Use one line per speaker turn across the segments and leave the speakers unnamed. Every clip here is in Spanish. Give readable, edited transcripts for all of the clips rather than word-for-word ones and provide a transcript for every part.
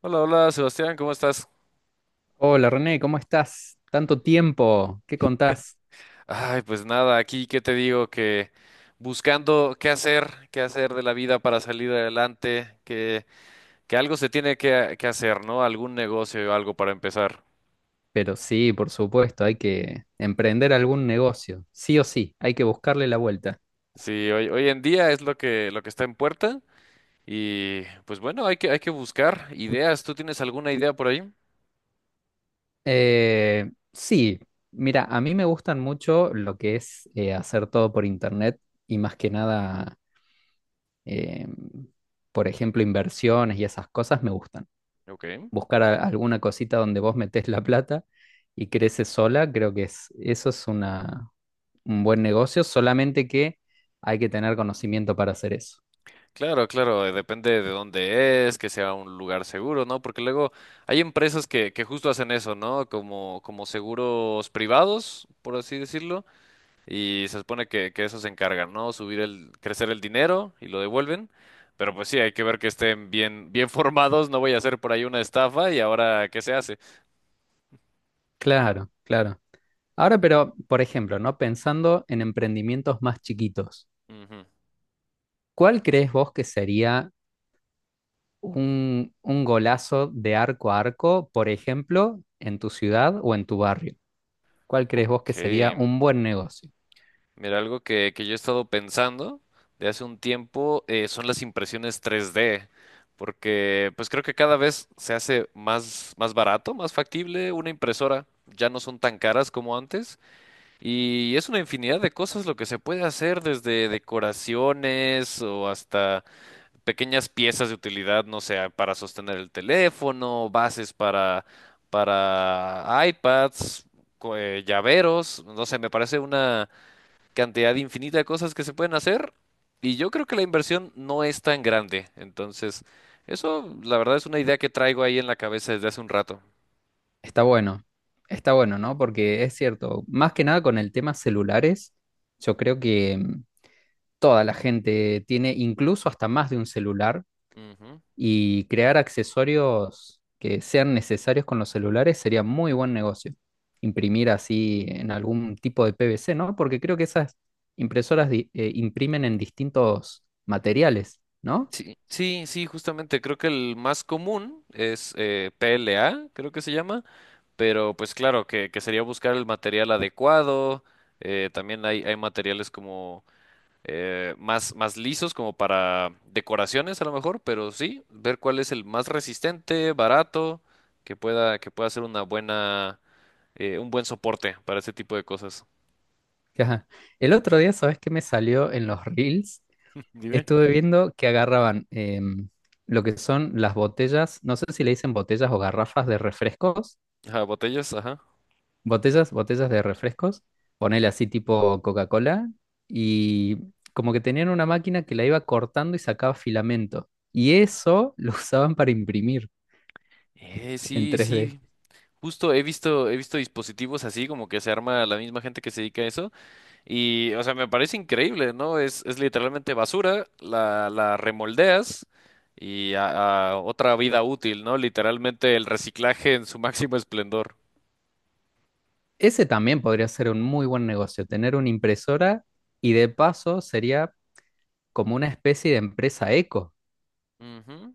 Hola, hola, Sebastián, ¿cómo estás?
Hola René, ¿cómo estás? Tanto tiempo, ¿qué contás?
Ay, pues nada, aquí qué te digo que buscando qué hacer de la vida para salir adelante, que algo se tiene que hacer, ¿no? Algún negocio o algo para empezar.
Pero sí, por supuesto, hay que emprender algún negocio, sí o sí, hay que buscarle la vuelta.
Sí, hoy en día es lo que está en puerta y pues bueno, hay que buscar ideas. ¿Tú tienes alguna idea por ahí?
Sí, mira, a mí me gustan mucho lo que es hacer todo por internet y más que nada, eh, por ejemplo, inversiones y esas cosas me gustan.
Ok.
Buscar alguna cosita donde vos metés la plata y crece sola, creo que es, eso es una, un buen negocio, solamente que hay que tener conocimiento para hacer eso.
Claro, claro, depende de dónde es, que sea un lugar seguro, ¿no? Porque luego hay empresas que justo hacen eso, ¿no? Como seguros privados, por así decirlo, y se supone que eso se encargan, ¿no? Subir el, crecer el dinero y lo devuelven. Pero pues sí, hay que ver que estén bien, bien formados, no voy a hacer por ahí una estafa y ahora, ¿qué se hace?
Claro, claro. Ahora, pero, por ejemplo, ¿no? Pensando en emprendimientos más chiquitos,
Ujú.
¿cuál crees vos que sería un golazo de arco a arco, por ejemplo, en tu ciudad o en tu barrio? ¿Cuál crees vos que
Ok.
sería un buen negocio?
Mira, algo que yo he estado pensando de hace un tiempo, son las impresiones 3D, porque pues creo que cada vez se hace más, más barato, más factible una impresora. Ya no son tan caras como antes y es una infinidad de cosas lo que se puede hacer desde decoraciones o hasta pequeñas piezas de utilidad, no sé, para sostener el teléfono, bases para iPads, llaveros, no sé, me parece una cantidad infinita de cosas que se pueden hacer y yo creo que la inversión no es tan grande. Entonces, eso la verdad es una idea que traigo ahí en la cabeza desde hace un rato.
Está bueno, está bueno, ¿no? Porque es cierto, más que nada con el tema celulares, yo creo que toda la gente tiene incluso hasta más de un celular
Ujú.
y crear accesorios que sean necesarios con los celulares sería muy buen negocio. Imprimir así en algún tipo de PVC, ¿no? Porque creo que esas impresoras imprimen en distintos materiales, ¿no?
Sí, sí, sí, justamente creo que el más común es PLA, creo que se llama, pero pues claro, que sería buscar el material adecuado, también hay materiales como más, más lisos como para decoraciones a lo mejor, pero sí, ver cuál es el más resistente, barato, que pueda ser una buena, un buen soporte para ese tipo de cosas.
Ajá. El otro día, ¿sabes qué me salió en los reels?
Dime.
Estuve viendo que agarraban lo que son las botellas, no sé si le dicen botellas o garrafas de refrescos
Ajá, botellas, ajá.
botellas de refrescos, ponele así tipo Coca-Cola, y como que tenían una máquina que la iba cortando y sacaba filamento. Y eso lo usaban para imprimir en
Sí,
3D.
sí, justo he visto dispositivos así como que se arma la misma gente que se dedica a eso. Y, o sea, me parece increíble, ¿no? Es literalmente basura, la remoldeas y a otra vida útil, ¿no? Literalmente el reciclaje en su máximo esplendor.
Ese también podría ser un muy buen negocio, tener una impresora y de paso sería como una especie de empresa eco.
Ujú.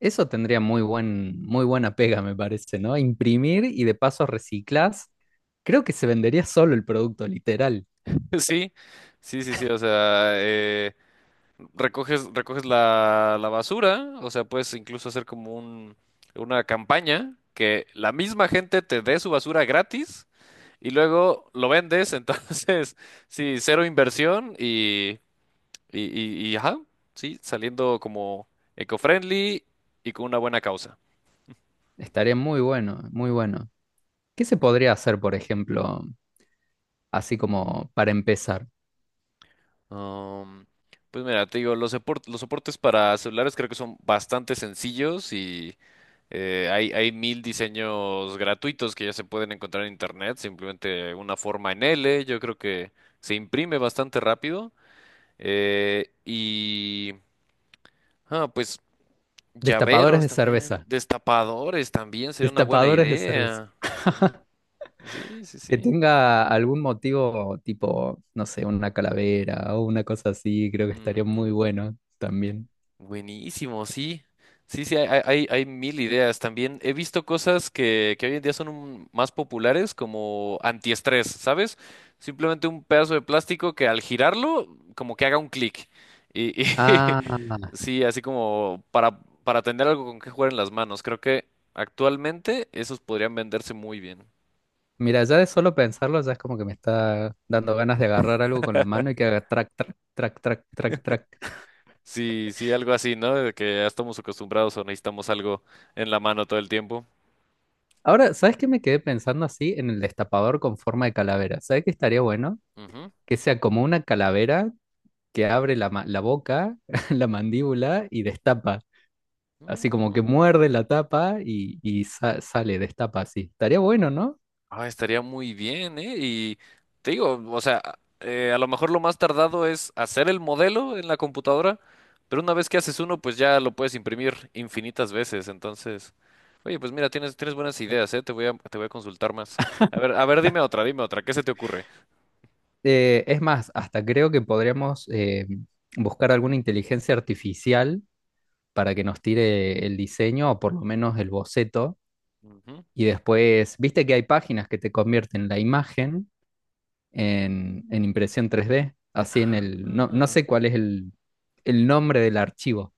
Eso tendría muy buen, muy buena pega, me parece, ¿no? Imprimir y de paso reciclás. Creo que se vendería solo el producto, literal.
Sí, sí, sí, sí, o sea, recoges, recoges la, la basura, o sea, puedes incluso hacer como un, una campaña que la misma gente te dé su basura gratis y luego lo vendes, entonces, sí, cero inversión. Y, ajá, sí, saliendo como eco-friendly y con una buena causa.
Estaría muy bueno, muy bueno. ¿Qué se
Sí.
podría hacer, por ejemplo, así como para empezar?
Um, pues mira, te digo, los soportes para celulares creo que son bastante sencillos y hay, hay mil diseños gratuitos que ya se pueden encontrar en internet, simplemente una forma en L, yo creo que se imprime bastante rápido. eh, y, pues
Destapadores
llaveros
de
también,
cerveza.
destapadores también sería una buena
Destapadores de cerveza.
idea. Sí, sí,
Que
sí.
tenga algún motivo tipo, no sé, una calavera o una cosa así, creo que estaría muy
Ujú.
bueno también.
Buenísimo, sí. Sí, sí, hay mil ideas. También he visto cosas que hoy en día son más populares como antiestrés, ¿sabes? Simplemente un pedazo de plástico que al girarlo, como que haga un clic. Y
Ah,
sí, así como para tener algo con que jugar en las manos. Creo que actualmente esos podrían venderse muy bien.
mira, ya de solo pensarlo ya es como que me está dando ganas de agarrar algo con la mano y que haga track, track, track, track, track, track.
Sí, sí, algo así, ¿no? De que ya estamos acostumbrados o necesitamos algo en la mano todo el tiempo.
Ahora, ¿sabes qué me quedé pensando así en el destapador con forma de calavera? ¿Sabes qué estaría bueno? Que sea como una calavera que abre la, la boca, la mandíbula y destapa. Así como que
Ujú.
muerde la tapa y sale, destapa así. Estaría bueno, ¿no?
Ah, estaría muy bien, ¿eh? Y te digo, o sea, a lo mejor lo más tardado es hacer el modelo en la computadora, pero una vez que haces uno, pues ya lo puedes imprimir infinitas veces. Entonces, oye, pues mira, tienes, tienes buenas ideas, ¿eh? Te voy a consultar más. A ver, dime otra, ¿qué se te ocurre?
Es más, hasta creo que podríamos buscar alguna inteligencia artificial para que nos tire el diseño o por lo menos el boceto.
Ujú.
Y después, viste que hay páginas que te convierten la imagen en impresión 3D, así en el, no, no
Ah,
sé cuál es el nombre del archivo.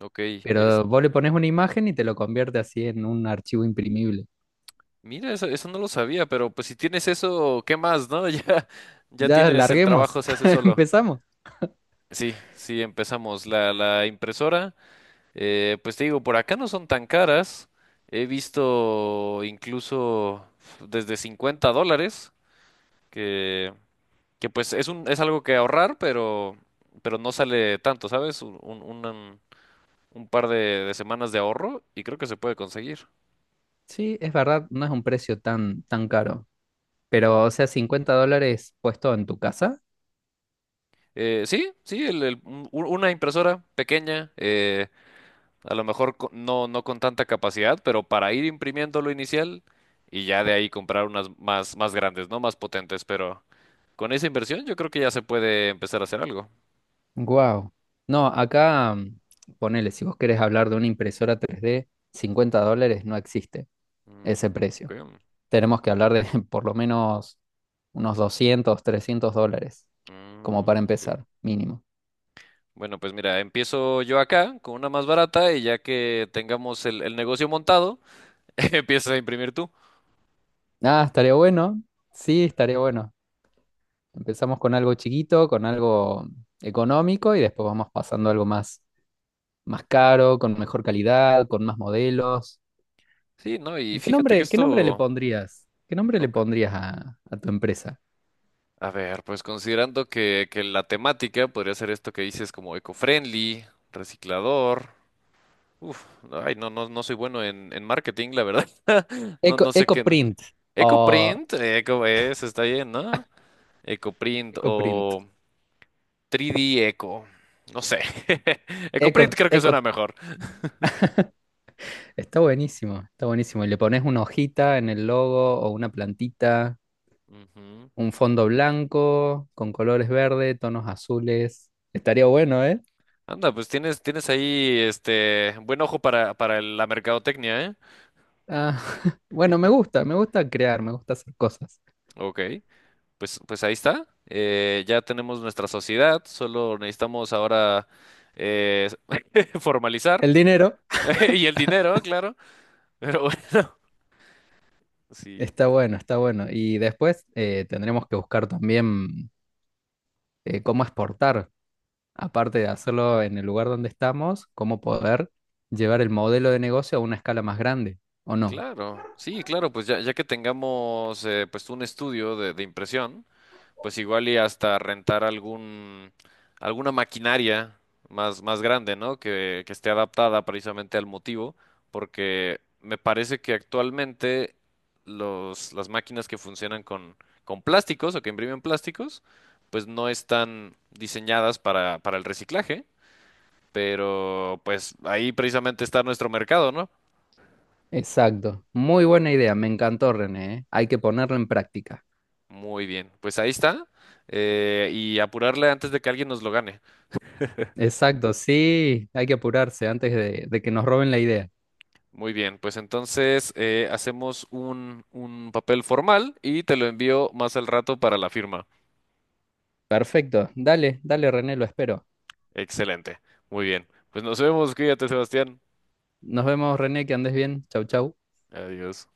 ok. es-
Pero vos le pones una imagen y te lo convierte así en un archivo imprimible.
Mira, eso no lo sabía, pero pues si tienes eso, ¿qué más, no? Ya, ya
Ya
tienes el
larguemos,
trabajo, se hace solo.
empezamos.
Sí, sí, empezamos. La impresora. Pues te digo, por acá no son tan caras. He visto incluso desde $50, que, que pues es un, es algo que ahorrar, pero no sale tanto, ¿sabes? Un par de semanas de ahorro y creo que se puede conseguir.
Sí, es verdad, no es un precio tan, tan caro. Pero, o sea, $50 puesto en tu casa.
Sí, sí, una impresora pequeña, a lo mejor no, no con tanta capacidad, pero para ir imprimiendo lo inicial y ya de ahí comprar unas más, más grandes, ¿no? Más potentes, pero con esa inversión yo creo que ya se puede empezar a hacer algo.
Wow. No, acá, ponele, si vos querés hablar de una impresora 3D, $50 no existe
Mm,
ese
ok,
precio. Tenemos que hablar de por lo menos unos $200 $300, como para
mm, ok.
empezar, mínimo.
Bueno, pues mira, empiezo yo acá con una más barata y ya que tengamos el negocio montado, empiezas a imprimir tú.
Ah, estaría bueno. Sí, estaría bueno. Empezamos con algo chiquito, con algo económico y después vamos pasando a algo más, más caro, con mejor calidad, con más modelos.
Sí, ¿no? Y
¿Y
fíjate que
qué nombre le
esto... Ujú,
pondrías? ¿Qué nombre le
ok.
pondrías a tu empresa?
A ver, pues considerando que la temática podría ser esto que dices como eco-friendly, reciclador. Uf, ay, no, no, no soy bueno en marketing, la verdad. No,
Eco,
no sé qué. No.
EcoPrint o
EcoPrint, Eco es, está bien, ¿no? EcoPrint
EcoPrint.
o 3D Eco. No sé. EcoPrint
Eco,
creo que suena
Eco,
mejor.
está buenísimo, está buenísimo. Y le pones una hojita en el logo o una plantita,
Ujú.
un fondo blanco con colores verde, tonos azules. Estaría bueno, ¿eh?
Anda, pues tienes, tienes ahí este buen ojo para la mercadotecnia, ¿eh?
Ah, bueno, me gusta crear, me gusta hacer cosas.
Ok, pues, pues ahí está. Ya tenemos nuestra sociedad, solo necesitamos ahora eh, formalizar.
El dinero
Y el dinero, claro. Pero bueno, sí.
está bueno, está bueno. Y después tendremos que buscar también cómo exportar, aparte de hacerlo en el lugar donde estamos, cómo poder llevar el modelo de negocio a una escala más grande, ¿o no?
Claro, sí, claro, pues ya, ya que tengamos pues un estudio de impresión, pues igual y hasta rentar algún alguna maquinaria más, más grande, ¿no? Que esté adaptada precisamente al motivo, porque me parece que actualmente los, las máquinas que funcionan con plásticos o que imprimen plásticos, pues no están diseñadas para el reciclaje, pero pues ahí precisamente está nuestro mercado, ¿no?
Exacto, muy buena idea, me encantó René, ¿eh? Hay que ponerla en práctica.
Muy bien, pues ahí está. Y apurarle antes de que alguien nos lo gane.
Exacto, sí, hay que apurarse antes de que nos roben la idea.
Muy bien, pues entonces, hacemos un papel formal y te lo envío más al rato para la firma.
Perfecto, dale, dale René, lo espero.
Excelente. Muy bien. Pues nos vemos. Cuídate, Sebastián.
Nos vemos René, que andes bien, chau chau.
Adiós.